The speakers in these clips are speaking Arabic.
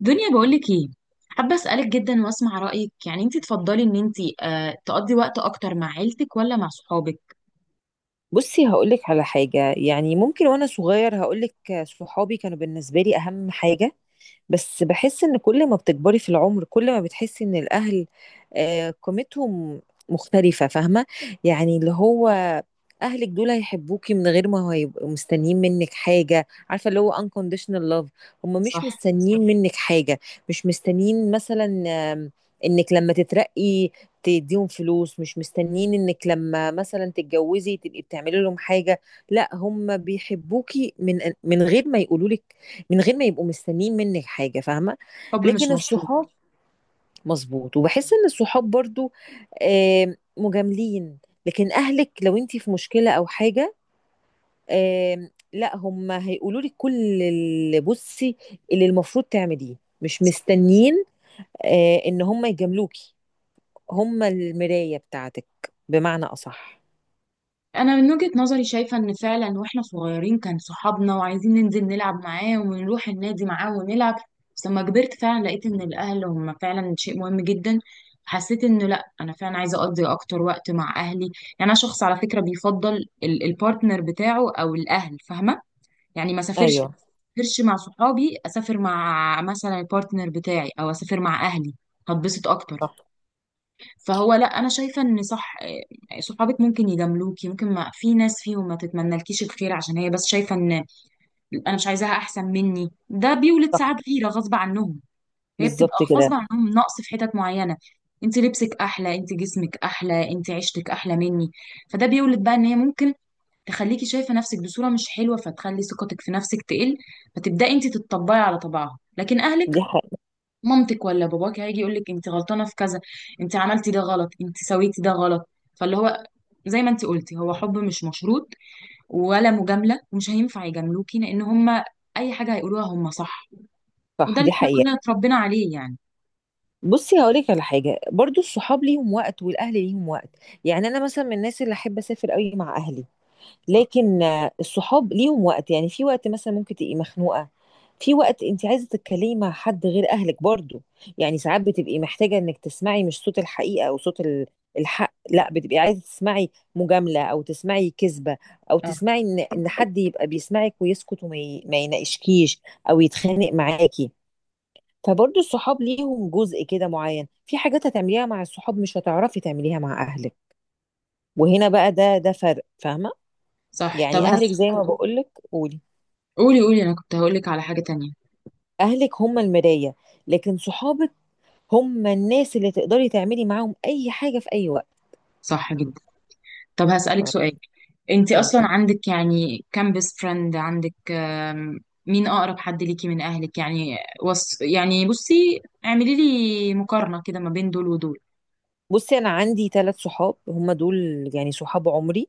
دنيا، بقولك ايه؟ حابة اسألك جدا واسمع رأيك، يعني انتي تفضلي ان انتي تقضي وقت اكتر مع عيلتك ولا مع صحابك؟ بصي هقولك على حاجة، يعني ممكن وأنا صغير هقولك. صحابي كانوا بالنسبة لي أهم حاجة. بس بحس إن كل ما بتكبري في العمر كل ما بتحسي إن الأهل قيمتهم مختلفة. فاهمة؟ يعني اللي هو أهلك دول هيحبوكي من غير ما هيبقوا مستنيين منك حاجة. عارفة اللي هو unconditional love. هم صح. مش مستنيين منك حاجة. مش مستنيين مثلا آم، إنك لما تترقي تديهم فلوس. مش مستنيين انك لما مثلا تتجوزي تبقي بتعملي لهم حاجة. لا، هم بيحبوكي من غير ما يقولوا لك، من غير ما يبقوا مستنيين منك حاجة. فاهمة؟ حب مش لكن مشروط. الصحاب مظبوط. وبحس ان الصحاب برضو مجاملين. لكن اهلك لو انتي في مشكلة او حاجة، لا، هم هيقولوا لك كل اللي بصي اللي المفروض تعمليه. مش صح. مستنيين ان هم يجاملوكي. هم المراية بتاعتك، بمعنى أصح. انا من وجهة نظري شايفة ان فعلا واحنا صغيرين كان صحابنا، وعايزين ننزل نلعب معاه ونروح النادي معاه ونلعب. بس لما كبرت فعلا لقيت ان الاهل هم فعلا شيء مهم جدا. حسيت انه لا، انا فعلا عايزه اقضي اكتر وقت مع اهلي يعني. انا شخص على فكره بيفضل البارتنر بتاعه او الاهل، فاهمه؟ يعني ما سافرش أيوه. سافرش مع صحابي، اسافر مع مثلا البارتنر بتاعي او اسافر مع اهلي، هتبسط اكتر. صح. فهو لا، انا شايفه ان صح. إيه، صحابك ممكن يجاملوكي، ممكن ما في ناس فيهم ما تتمنالكيش الخير، عشان هي بس شايفه ان انا مش عايزاها احسن مني، ده بيولد ساعات صح. غيره غصب عنهم. هي بتبقى بالظبط غصب كده. عنهم نقص في حتت معينه. انت لبسك احلى، انت جسمك احلى، انت عيشتك احلى مني، فده بيولد بقى ان هي ممكن تخليكي شايفة نفسك بصورة مش حلوة، فتخلي ثقتك في نفسك تقل، فتبدأي انت تتطبعي على طبعها. لكن اهلك، دي حقيقة. مامتك ولا باباك هيجي يقولك انت غلطانة في كذا، انت عملتي ده غلط، انت سويتي ده غلط. فاللي هو زي ما انت قلتي، هو حب مش مشروط ولا مجاملة، ومش هينفع يجاملوكي لان هما اي حاجة هيقولوها هما صح. صح، وده اللي دي احنا حقيقة. كلنا اتربينا عليه يعني. بصي هقولك على حاجة. برضو الصحاب ليهم وقت والأهل ليهم وقت. يعني أنا مثلا من الناس اللي أحب أسافر قوي مع أهلي. لكن الصحاب ليهم وقت. يعني في وقت مثلا ممكن تبقي مخنوقه، في وقت انت عايزه تتكلمي مع حد غير اهلك برضو. يعني ساعات بتبقي محتاجه انك تسمعي مش صوت الحقيقه او صوت الحق. لا، بتبقي عايزه تسمعي مجامله، او تسمعي كذبه، او اه. تسمعي ان حد يبقى بيسمعك ويسكت وما ي- ما يناقشكيش او يتخانق معاكي. فبرضو الصحاب ليهم جزء كده معين. في حاجات هتعمليها مع الصحاب مش هتعرفي تعمليها مع اهلك. وهنا بقى ده فرق. فاهمه؟ صح. طب يعني اهلك زي ما بقولك. قولي. قولي قولي، انا كنت هقولك على حاجة تانية. اهلك هم المراية، لكن صحابك هم الناس اللي تقدري تعملي معاهم اي حاجة في اي وقت. صح جدا. طب هسألك سؤال، انت قولي. اصلا عندك يعني كام بيست فريند؟ عندك مين اقرب حد ليكي من اهلك يعني؟ يعني بصي، اعملي لي مقارنة كده ما بين دول ودول. بصي انا عندي ثلاث صحاب هم دول. يعني صحاب عمري.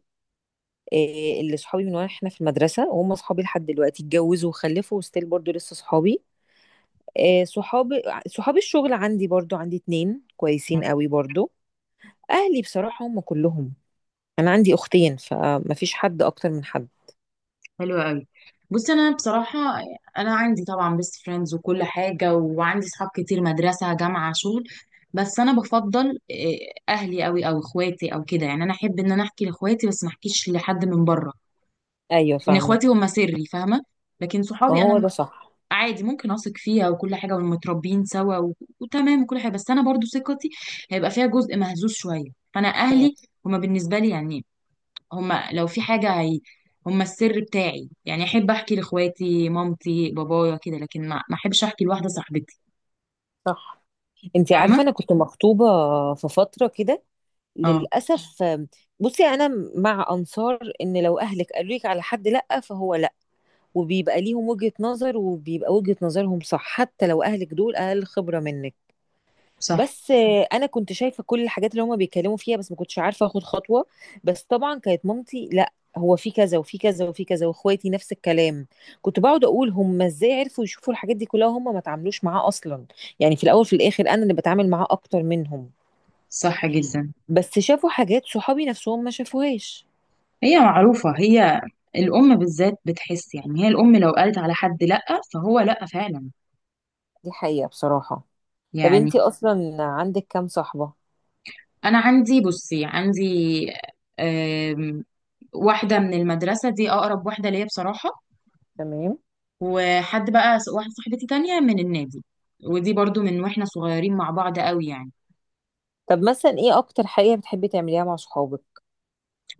إيه اللي صحابي من واحنا في المدرسة وهم صحابي لحد دلوقتي. اتجوزوا وخلفوا وستيل برضو لسه صحابي. إيه صحابي. صحابي الشغل عندي برضو، عندي اتنين كويسين قوي برضو. اهلي بصراحة هم كلهم، انا عندي اختين فمفيش حد اكتر من حد. حلو قوي. بصي انا بصراحة، انا عندي طبعا بيست فريندز وكل حاجة، وعندي صحاب كتير، مدرسة، جامعة، شغل. بس انا بفضل اهلي قوي، او اخواتي او كده يعني. انا احب ان انا احكي لاخواتي بس ما احكيش لحد من بره، ايوه لان فاهمة. اخواتي هم سري، فاهمة؟ لكن ما صحابي هو ده انا صح. عادي ممكن اثق فيها وكل حاجه، ومتربيين سوا. وتمام وكل حاجه، بس انا برضو ثقتي هيبقى فيها جزء مهزوز شويه. فانا اهلي هما بالنسبه لي يعني، هما لو في حاجه، هما السر بتاعي يعني. احب احكي لاخواتي، مامتي، بابايا كده، لكن ما احبش احكي لواحده صاحبتي. صح. انت فاهمه. عارفه انا كنت مخطوبه في فتره كده، اه. للاسف. بصي انا مع انصار ان لو اهلك قالوا لك على حد لا، فهو لا. وبيبقى ليهم وجهه نظر وبيبقى وجهه نظرهم صح، حتى لو اهلك دول اقل خبره منك. صح. بس انا كنت شايفه كل الحاجات اللي هما بيتكلموا فيها بس ما كنتش عارفه اخد خطوه. بس طبعا كانت مامتي لا، هو في كذا وفي كذا وفي كذا، واخواتي نفس الكلام. كنت بقعد اقول هما ازاي عرفوا يشوفوا الحاجات دي كلها وهما ما تعاملوش معاه اصلا؟ يعني في الاول في الاخر انا اللي بتعامل معاه اكتر منهم، صح جدا. بس شافوا حاجات صحابي نفسهم ما شافوهاش. هي معروفه. هي الام بالذات بتحس يعني، هي الام لو قالت على حد لا، فهو لا فعلا دي حقيقه بصراحه. طب يعني. انتي اصلا عندك كام صاحبه؟ انا عندي بصي، عندي واحدة من المدرسة، دي أقرب واحدة ليا بصراحة. تمام. وحد بقى س- واحدة صاحبتي تانية من النادي، ودي برضو من واحنا صغيرين مع بعض قوي يعني. طب مثلا ايه اكتر حاجه بتحبي تعمليها مع صحابك؟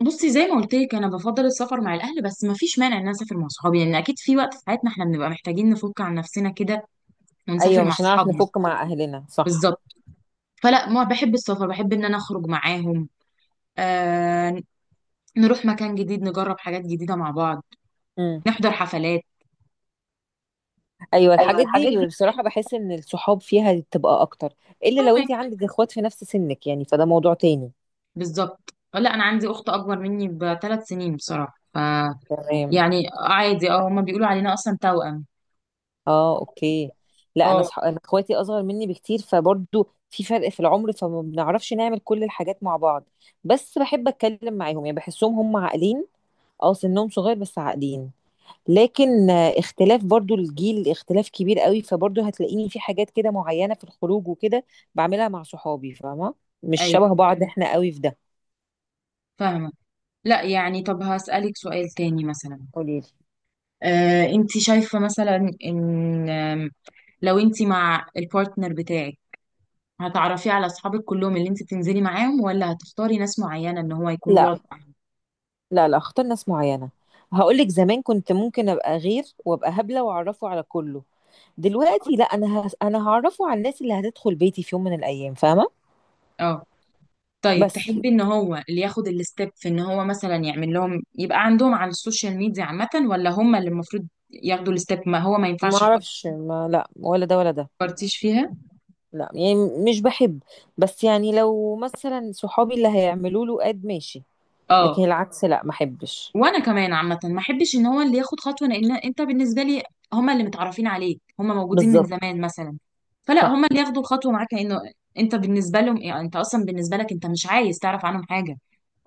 بصي زي ما قلت لك، انا بفضل السفر مع الاهل، بس ما فيش مانع ان انا اسافر مع صحابي، لان اكيد في وقت في حياتنا احنا بنبقى محتاجين نفك عن نفسنا كده ايوه ونسافر مع مش هنعرف صحابنا. نفك مع اهلنا، صح. بالظبط. فلا، ما بحب السفر، بحب ان انا اخرج معاهم، آه نروح مكان جديد، نجرب حاجات جديدة مع بعض، مم. نحضر حفلات. ايوه ايوه الحاجات دي الحاجات اللي بصراحه بحس ان الصحاب فيها بتبقى اكتر. الا لو دي. انت عندك اخوات في نفس سنك، يعني فده موضوع تاني. بالظبط. لا، انا عندي اخت اكبر مني ب3 سنين بصراحه. تمام. يعني عادي، هما بيقولوا علينا اصلا توأم. اه اوكي. لا، انا اه. انا اخواتي اصغر مني بكتير فبرضو في فرق في العمر فما بنعرفش نعمل كل الحاجات مع بعض. بس بحب اتكلم معاهم، يعني بحسهم هم عاقلين. اه سنهم صغير بس عاقلين. لكن اختلاف برضو الجيل اختلاف كبير قوي، فبرضو هتلاقيني في حاجات كده معينه في الخروج وكده بعملها مع صحابي. فاهمه؟ مش ايوه شبه بعض احنا قوي في ده. فاهمه. لا يعني، طب هسألك سؤال تاني مثلا. قوليلي. انت شايفه مثلا ان لو انت مع البارتنر بتاعك، هتعرفيه على اصحابك كلهم اللي انت بتنزلي معاهم، ولا هتختاري ناس معينه ان هو يكون لا. بيقعد معاهم؟ لا لا اختار ناس معينة. هقولك زمان كنت ممكن ابقى غير وابقى هبلة واعرفه على كله. دلوقتي لا، انا انا هعرفه على الناس اللي هتدخل بيتي في يوم من الايام. فاهمة؟ اه. طيب بس تحبي ان هو اللي ياخد الستيب، في ان هو مثلا يعمل لهم، يبقى عندهم على السوشيال ميديا عامة، ولا هم اللي المفروض ياخدوا الستيب، ما هو ما ما ينفعش؟ اعرفش، ما لا ولا ده ولا ده. فكرتيش فيها؟ لا يعني مش بحب. بس يعني لو مثلا صحابي اللي هيعملوا له اد، ماشي. اه. لكن العكس لا، ما احبش. وانا كمان عامة ما احبش ان هو اللي ياخد خطوة، لان انت بالنسبة لي هم اللي متعرفين عليك، هم موجودين من بالظبط. زمان مثلا، فلا هم صح اللي ياخدوا الخطوة معاك، لانه انت بالنسبة لهم يعني، انت اصلا بالنسبة لك انت مش عايز تعرف عنهم حاجة،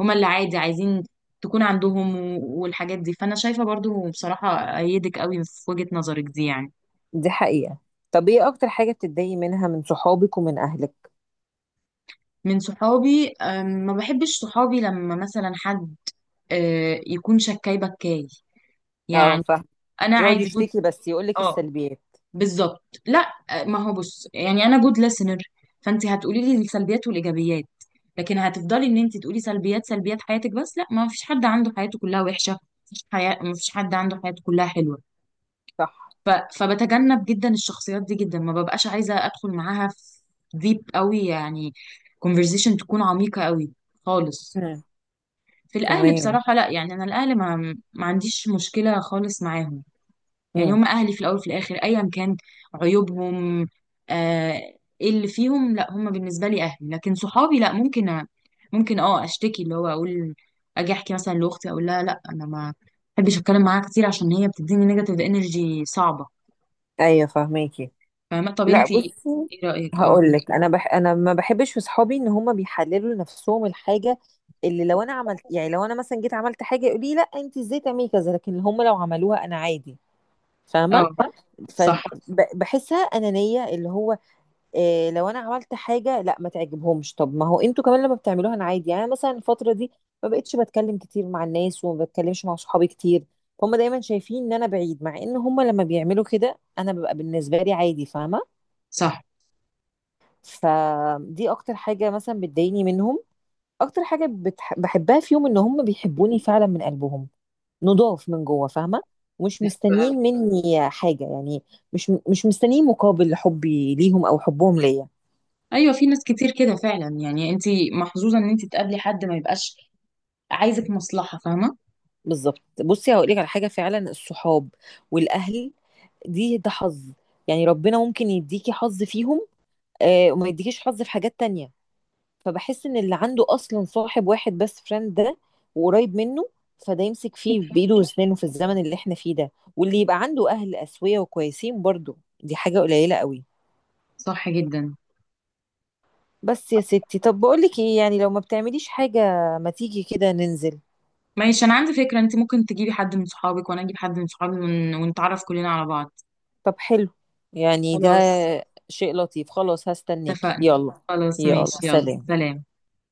هم اللي عادي عايزين تكون عندهم، والحاجات دي. فانا شايفة برضو بصراحة ايدك قوي في وجهة نظرك دي يعني. دي حقيقة. طب ايه اكتر حاجة بتتضايقي منها من صحابك ومن اهلك؟ من صحابي، ما بحبش صحابي لما مثلا حد يكون شكاي بكاي اه يعني. فاهم. انا يقعد عادي جود. يشتكي بس يقولك اه، السلبيات. بالظبط. لا، ما هو بص، يعني انا جود ليسنر، فانت هتقولي لي السلبيات والايجابيات، لكن هتفضلي ان انت تقولي سلبيات سلبيات حياتك بس، لا، ما فيش حد عنده حياته كلها وحشه، مفيش حياة، ما فيش حد عنده حياته كلها حلوه. صح. ف... فبتجنب جدا الشخصيات دي جدا، ما ببقاش عايزه ادخل معاها في ديب قوي يعني، conversation تكون عميقه قوي خالص. مم. في الاهل تمام. بصراحه لا، يعني انا الاهل ما، ما عنديش مشكله خالص معاهم. يعني امم. هم اهلي في الاول وفي الاخر، ايا كان عيوبهم، آه، إيه اللي فيهم، لا هم بالنسبه لي اهلي. لكن صحابي لا، ممكن ممكن اشتكي، اللي هو اقول، اجي احكي مثلا لاختي، اقول لها لا انا ما بحبش اتكلم معاها كتير، عشان هي بتديني نيجاتيف انرجي صعبه. ايوه فاهماكي. فاهمه؟ طب لا انت ايه بصي رايك؟ اه. هقول لك. انا انا ما بحبش في صحابي ان هم بيحللوا لنفسهم الحاجه اللي لو انا عملت. يعني لو انا مثلا جيت عملت حاجه يقولي لي لا، انت ازاي تعملي كذا، لكن هم لو عملوها انا عادي. فاهمه؟ اه. صح. فبحسها انانيه. اللي هو إيه، لو انا عملت حاجه لا ما تعجبهمش، طب ما هو انتوا كمان لما بتعملوها انا عادي. يعني أنا مثلا الفتره دي ما بقتش بتكلم كتير مع الناس وما بتكلمش مع صحابي كتير. هم دايما شايفين ان انا بعيد، مع ان هم لما بيعملوا كده انا ببقى بالنسبه لي عادي. فاهمه؟ صح. فدي اكتر حاجه مثلا بتضايقني منهم. اكتر حاجه بحبها فيهم ان هم بيحبوني فعلا من قلبهم، نضاف من جوه. فاهمه؟ ومش مستنيين مني حاجه يعني. مش مستنيين مقابل حبي ليهم او حبهم ليا. ايوه، في ناس كتير كده فعلا يعني، انت محظوظه ان انت تقابلي حد ما يبقاش عايزك مصلحة، فاهمة؟ بالظبط بصي هقول لك على حاجه. فعلا الصحاب والاهل دي ده حظ. يعني ربنا ممكن يديكي حظ فيهم وما يديكيش حظ في حاجات تانية. فبحس ان اللي عنده اصلا صاحب واحد بس فريند ده وقريب منه، فده يمسك فيه بايده واسنانه في الزمن اللي احنا فيه ده. واللي يبقى عنده اهل اسويه وكويسين برضو، دي حاجه قليله قوي. صح جدا. بس يا ستي طب بقول لك ايه، يعني لو ما بتعمليش حاجه ما تيجي كده ننزل. ماشي، انا عندي فكرة، انت ممكن تجيبي حد من صحابك وانا اجيب حد من صحابي، ونتعرف كلنا على بعض. طب حلو. يعني ده خلاص، شيء لطيف. خلاص هستناكي، اتفقنا. يلا. خلاص يلا ماشي، يلا سلام. سلام.